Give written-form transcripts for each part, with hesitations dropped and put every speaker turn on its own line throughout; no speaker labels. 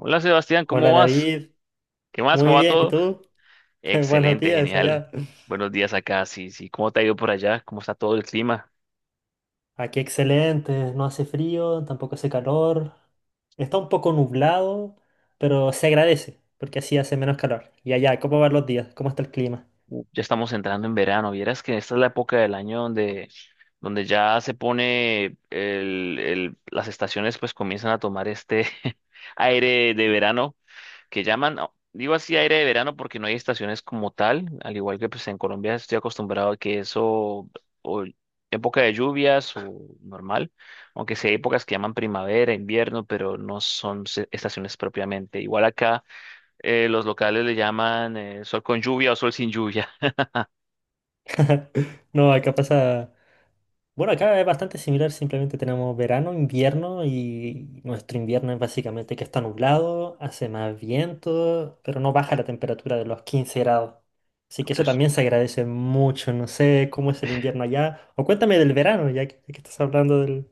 Hola Sebastián, ¿cómo
Hola
vas?
David,
¿Qué más?
muy
¿Cómo va
bien, ¿y
todo?
tú? Buenos
Excelente,
días
genial.
allá.
Buenos días acá, sí, sí. ¿Cómo te ha ido por allá? ¿Cómo está todo el clima?
Aquí excelente, no hace frío, tampoco hace calor. Está un poco nublado, pero se agradece, porque así hace menos calor. Y allá, ¿cómo van los días? ¿Cómo está el clima?
Ya estamos entrando en verano. Vieras que esta es la época del año donde ya se pone las estaciones pues comienzan a tomar este aire de verano que llaman, digo así aire de verano porque no hay estaciones como tal, al igual que pues en Colombia estoy acostumbrado a que eso, o época de lluvias o normal, aunque sí hay épocas que llaman primavera, invierno, pero no son estaciones propiamente. Igual acá los locales le llaman sol con lluvia o sol sin lluvia.
No, acá pasa. Bueno, acá es bastante similar, simplemente tenemos verano, invierno y nuestro invierno es básicamente que está nublado, hace más viento, pero no baja la temperatura de los 15 grados. Así que
pero
eso
es
también se agradece mucho. No sé cómo es el invierno allá. O cuéntame del verano, ya que estás hablando del,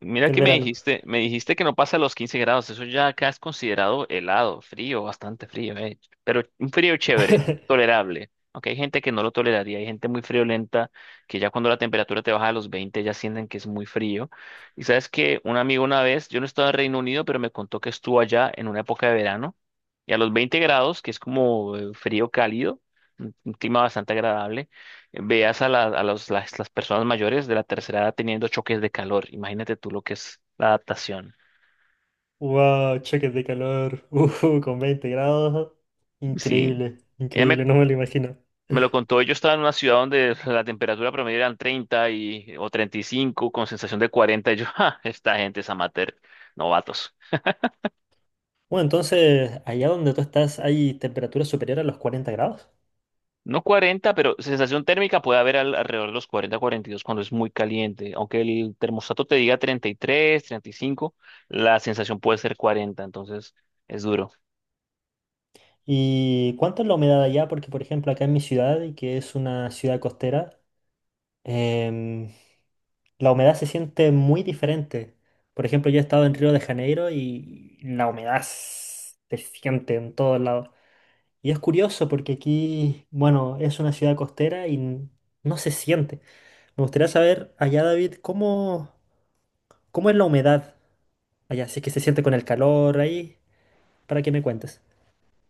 Mira
del
que me
verano.
dijiste, que no pasa los 15 grados, eso ya acá es considerado helado, frío, bastante frío. Pero un frío chévere, tolerable. Aunque hay gente que no lo toleraría, hay gente muy friolenta que ya cuando la temperatura te baja a los 20 ya sienten que es muy frío. Y sabes que un amigo una vez, yo no estaba en Reino Unido, pero me contó que estuvo allá en una época de verano y a los 20 grados, que es como frío cálido, un clima bastante agradable, veas a, a las personas mayores de la tercera edad teniendo choques de calor. Imagínate tú lo que es la adaptación.
Wow, choques de calor, con 20 grados.
Sí,
Increíble,
ella me,
increíble, no me lo imagino.
me lo contó. Yo estaba en una ciudad donde la temperatura promedio eran 30 y, o 35 con sensación de 40. Y yo, "Ja, esta gente es amateur, novatos".
Bueno, entonces, allá donde tú estás, ¿hay temperaturas superiores a los 40 grados?
No 40, pero sensación térmica puede haber alrededor de los 40, 42 cuando es muy caliente. Aunque el termostato te diga 30, 33, 35, la sensación puede ser 40, entonces es duro.
¿Y cuánto es la humedad allá? Porque, por ejemplo, acá en mi ciudad, y que es una ciudad costera, em, la humedad se siente muy diferente. Por ejemplo, yo he estado en Río de Janeiro y la humedad se siente en todos lados. Y es curioso porque aquí, bueno, es una ciudad costera y no se siente. Me gustaría saber allá, David, cómo, cómo es la humedad allá, si es que se siente con el calor ahí, para que me cuentes.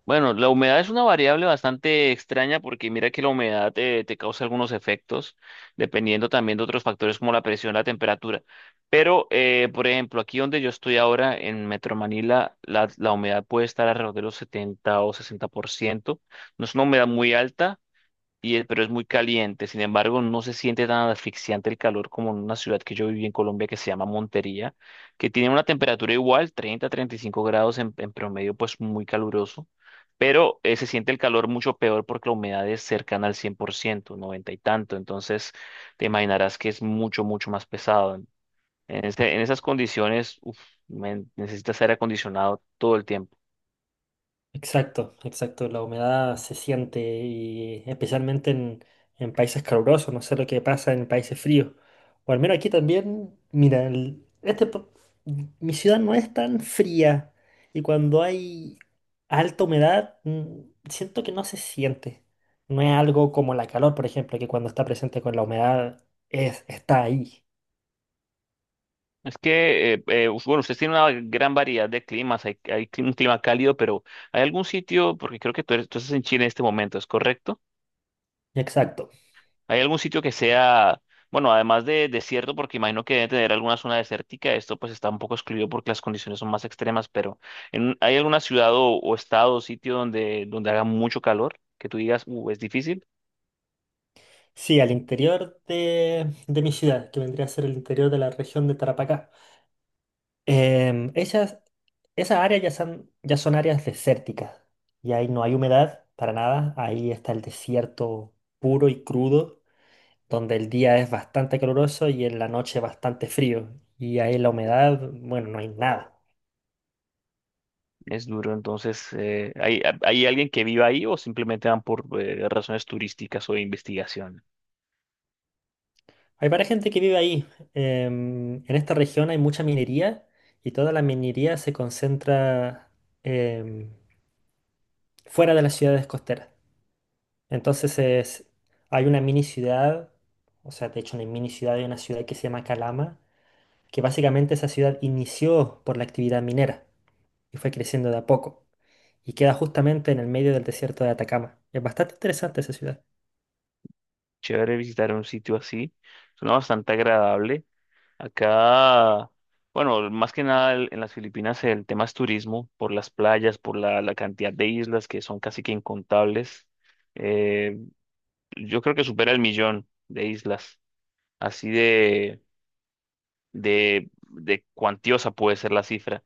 Bueno, la humedad es una variable bastante extraña porque mira que la humedad te causa algunos efectos, dependiendo también de otros factores como la presión, la temperatura. Pero, por ejemplo, aquí donde yo estoy ahora, en Metro Manila, la humedad puede estar alrededor de los 70 o 60%. No es una humedad muy alta, pero es muy caliente. Sin embargo, no se siente tan asfixiante el calor como en una ciudad que yo viví en Colombia que se llama Montería, que tiene una temperatura igual, 30, 35 grados en promedio, pues muy caluroso. Pero se siente el calor mucho peor porque la humedad es cercana al 100%, 90 y tanto. Entonces, te imaginarás que es mucho, mucho más pesado. En esas condiciones, uf, men, necesitas aire acondicionado todo el tiempo.
Exacto, exacto. La humedad se siente y especialmente en países calurosos, no sé lo que pasa en países fríos. O al menos aquí también, mira, mi ciudad no es tan fría y cuando hay alta humedad, siento que no se siente. No es algo como la calor, por ejemplo, que cuando está presente con la humedad es, está ahí.
Es que, bueno, ustedes tienen una gran variedad de climas, un clima cálido, pero ¿hay algún sitio? Porque creo que tú estás en Chile en este momento, ¿es correcto?
Exacto.
¿Hay algún sitio que sea, bueno, además de desierto, porque imagino que debe tener alguna zona desértica, esto pues está un poco excluido porque las condiciones son más extremas, pero ¿hay alguna ciudad o estado o sitio donde, donde haga mucho calor, que tú digas, es difícil,
Sí, al interior de mi ciudad, que vendría a ser el interior de la región de Tarapacá. Em, esas, esas áreas ya son áreas desérticas y ahí no hay humedad para nada. Ahí está el desierto puro y crudo, donde el día es bastante caluroso y en la noche bastante frío. Y ahí la humedad, bueno, no hay nada.
es duro? Entonces, ¿hay alguien que viva ahí o simplemente van por razones turísticas o de investigación?
Hay varias gente que vive ahí. En esta región hay mucha minería y toda la minería se concentra em, fuera de las ciudades costeras. Entonces es, hay una mini ciudad, o sea, de hecho una mini ciudad, hay una ciudad que se llama Calama, que básicamente esa ciudad inició por la actividad minera y fue creciendo de a poco. Y queda justamente en el medio del desierto de Atacama. Es bastante interesante esa ciudad.
Chévere visitar un sitio así. Suena bastante agradable. Acá, bueno, más que nada en las Filipinas el tema es turismo, por las playas, por la cantidad de islas que son casi que incontables. Eh, yo creo que supera el millón de islas. Así de, cuantiosa puede ser la cifra.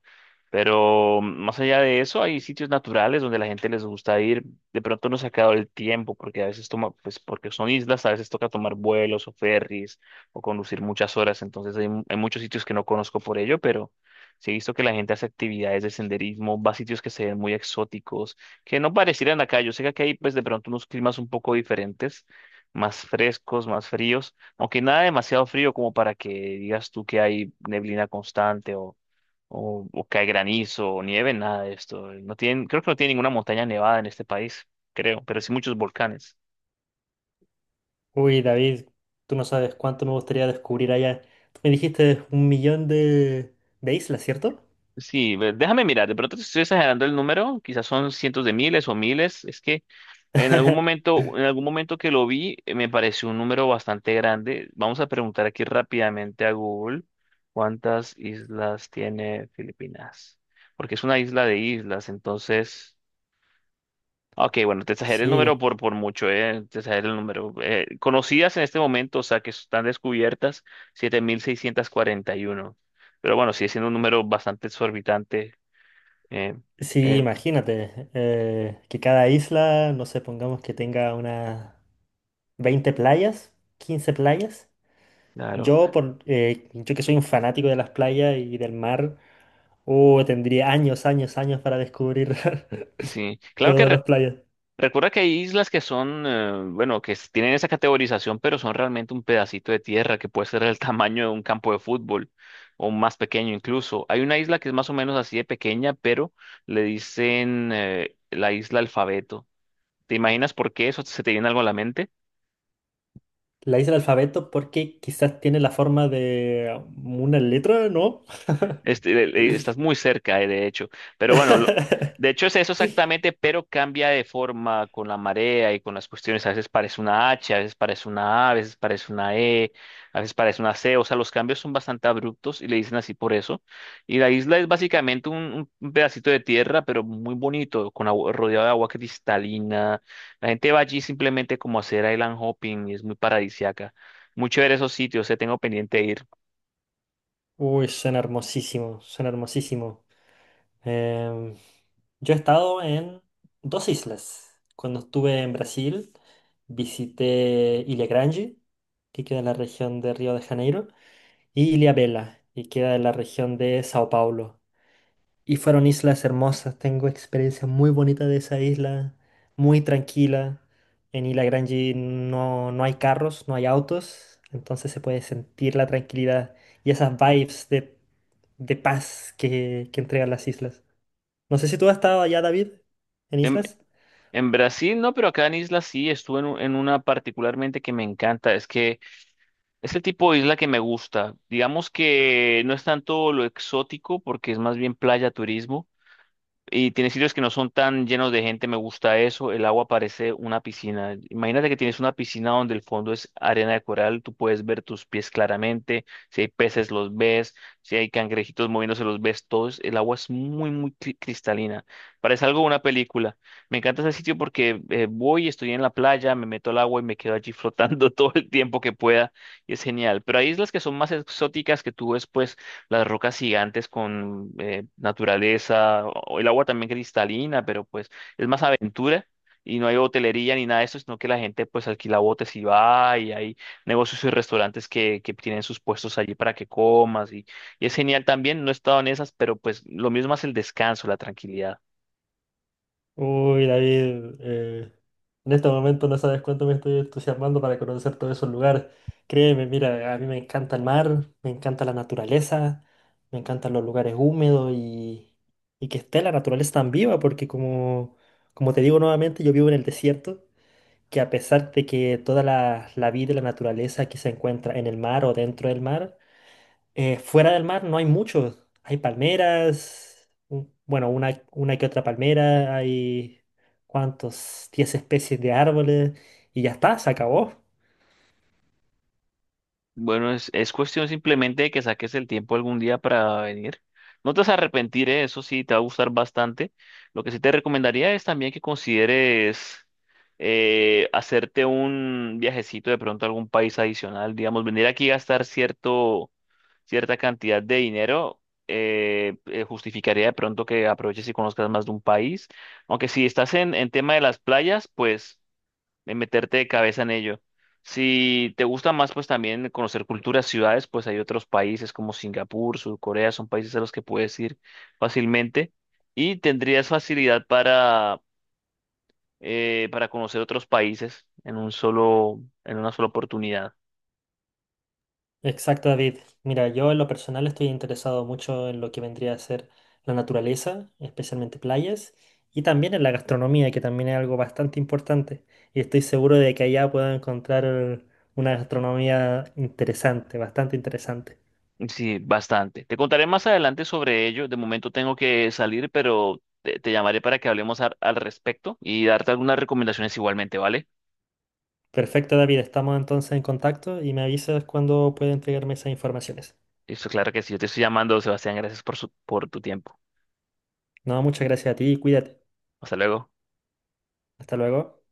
Pero más allá de eso, hay sitios naturales donde la gente les gusta ir. De pronto no se ha quedado el tiempo, porque a veces toma, pues porque son islas, a veces toca tomar vuelos o ferries o conducir muchas horas. Entonces hay, hay muchos sitios que no conozco por ello, pero sí he visto que la gente hace actividades de senderismo, va a sitios que se ven muy exóticos, que no parecieran acá. Yo sé que aquí hay pues de pronto unos climas un poco diferentes, más frescos, más fríos, aunque nada demasiado frío como para que digas tú que hay neblina constante o cae granizo o nieve, nada de esto. No tienen, creo que no tiene ninguna montaña nevada en este país, creo, pero sí muchos volcanes.
Uy, David, tú no sabes cuánto me gustaría descubrir allá. Tú me dijiste un millón de islas, ¿cierto?
Sí, déjame mirar, de pronto te estoy exagerando el número, quizás son cientos de miles o miles, es que en algún momento que lo vi, me pareció un número bastante grande. Vamos a preguntar aquí rápidamente a Google cuántas islas tiene Filipinas, porque es una isla de islas, entonces. Ok, bueno, te exageré el
Sí,
número por mucho, te exageré el número. Conocidas en este momento, o sea, que están descubiertas, 7.641. Pero bueno, sigue siendo un número bastante exorbitante. eh,
sí,
eh,
imagínate, que cada isla, no sé, pongamos que tenga una... 20 playas, 15 playas.
claro,
Yo que soy un fanático de las playas y del mar, oh, tendría años, años, años para descubrir
sí. Claro que
todas las playas.
recuerda que hay islas que son, bueno, que tienen esa categorización, pero son realmente un pedacito de tierra que puede ser el tamaño de un campo de fútbol o más pequeño incluso. Hay una isla que es más o menos así de pequeña, pero le dicen, la isla Alfabeto. ¿Te imaginas por qué eso se te viene algo a la mente?
La hice el alfabeto porque quizás tiene la forma de una letra, ¿no?
Este, estás muy cerca, de hecho. Pero bueno, de hecho es eso exactamente, pero cambia de forma con la marea y con las cuestiones. A veces parece una H, a veces parece una A, a veces parece una E, a veces parece una C. O sea, los cambios son bastante abruptos y le dicen así por eso. Y la isla es básicamente un pedacito de tierra, pero muy bonito, rodeado de agua cristalina. La gente va allí simplemente como a hacer island hopping y es muy paradisiaca. Muy chévere esos sitios, tengo pendiente de ir.
Uy, suena hermosísimo, suena hermosísimo. Em, yo he estado en dos islas. Cuando estuve en Brasil, visité Ilha Grande, que queda en la región de Río de Janeiro. Y Ilhabela, y queda en la región de Sao Paulo. Y fueron islas hermosas, tengo experiencias muy bonitas de esa isla, muy tranquila. En Ilha Grande no hay carros, no hay autos, entonces se puede sentir la tranquilidad y esas vibes de paz que entregan las islas. No sé si tú has estado allá, David, en
En,
islas.
en Brasil no, pero acá en isla sí, estuve en una particularmente que me encanta. Es que es el tipo de isla que me gusta. Digamos que no es tanto lo exótico porque es más bien playa turismo, y tiene sitios que no son tan llenos de gente, me gusta eso. El agua parece una piscina. Imagínate que tienes una piscina donde el fondo es arena de coral, tú puedes ver tus pies claramente, si hay peces los ves, si hay cangrejitos moviéndose los ves todos. El agua es muy, muy cristalina. Parece algo de una película. Me encanta ese sitio porque voy, estoy en la playa, me meto al agua y me quedo allí flotando todo el tiempo que pueda y es genial. Pero hay islas que son más exóticas que tú ves, pues las rocas gigantes con naturaleza, o el agua también cristalina, pero pues es más aventura y no hay hotelería ni nada de eso, sino que la gente pues alquila botes y va y hay negocios y restaurantes que tienen sus puestos allí para que comas, y es genial también, no he estado en esas, pero pues lo mismo es el descanso, la tranquilidad.
Uy, David, en este momento no sabes cuánto me estoy entusiasmando para conocer todos esos lugares. Créeme, mira, a mí me encanta el mar, me encanta la naturaleza, me encantan los lugares húmedos y que esté la naturaleza tan viva, porque como te digo nuevamente, yo vivo en el desierto, que a pesar de que toda la vida y la naturaleza que se encuentra en el mar o dentro del mar, fuera del mar no hay mucho. Hay palmeras, bueno, una que otra palmera, hay cuántos, 10 especies de árboles y ya está, se acabó.
Bueno, es cuestión simplemente de que saques el tiempo algún día para venir. No te vas a arrepentir, ¿eh? Eso sí, te va a gustar bastante. Lo que sí te recomendaría es también que consideres hacerte un viajecito de pronto a algún país adicional, digamos, venir aquí a gastar cierto, cierta cantidad de dinero. Justificaría de pronto que aproveches y conozcas más de un país. Aunque si estás en tema de las playas, pues de meterte de cabeza en ello. Si te gusta más, pues también conocer culturas, ciudades, pues hay otros países como Singapur, Sur Corea, son países a los que puedes ir fácilmente y tendrías facilidad para conocer otros países en un solo, en una sola oportunidad.
Exacto, David. Mira, yo en lo personal estoy interesado mucho en lo que vendría a ser la naturaleza, especialmente playas, y también en la gastronomía, que también es algo bastante importante. Y estoy seguro de que allá puedo encontrar una gastronomía interesante, bastante interesante.
Sí, bastante. Te contaré más adelante sobre ello. De momento tengo que salir, pero te llamaré para que hablemos al respecto y darte algunas recomendaciones igualmente, ¿vale?
Perfecto, David. Estamos entonces en contacto y me avisas cuando pueda entregarme esas informaciones.
Eso, claro que sí. Yo te estoy llamando, Sebastián. Gracias por tu tiempo.
No, muchas gracias a ti y cuídate.
Hasta luego.
Hasta luego.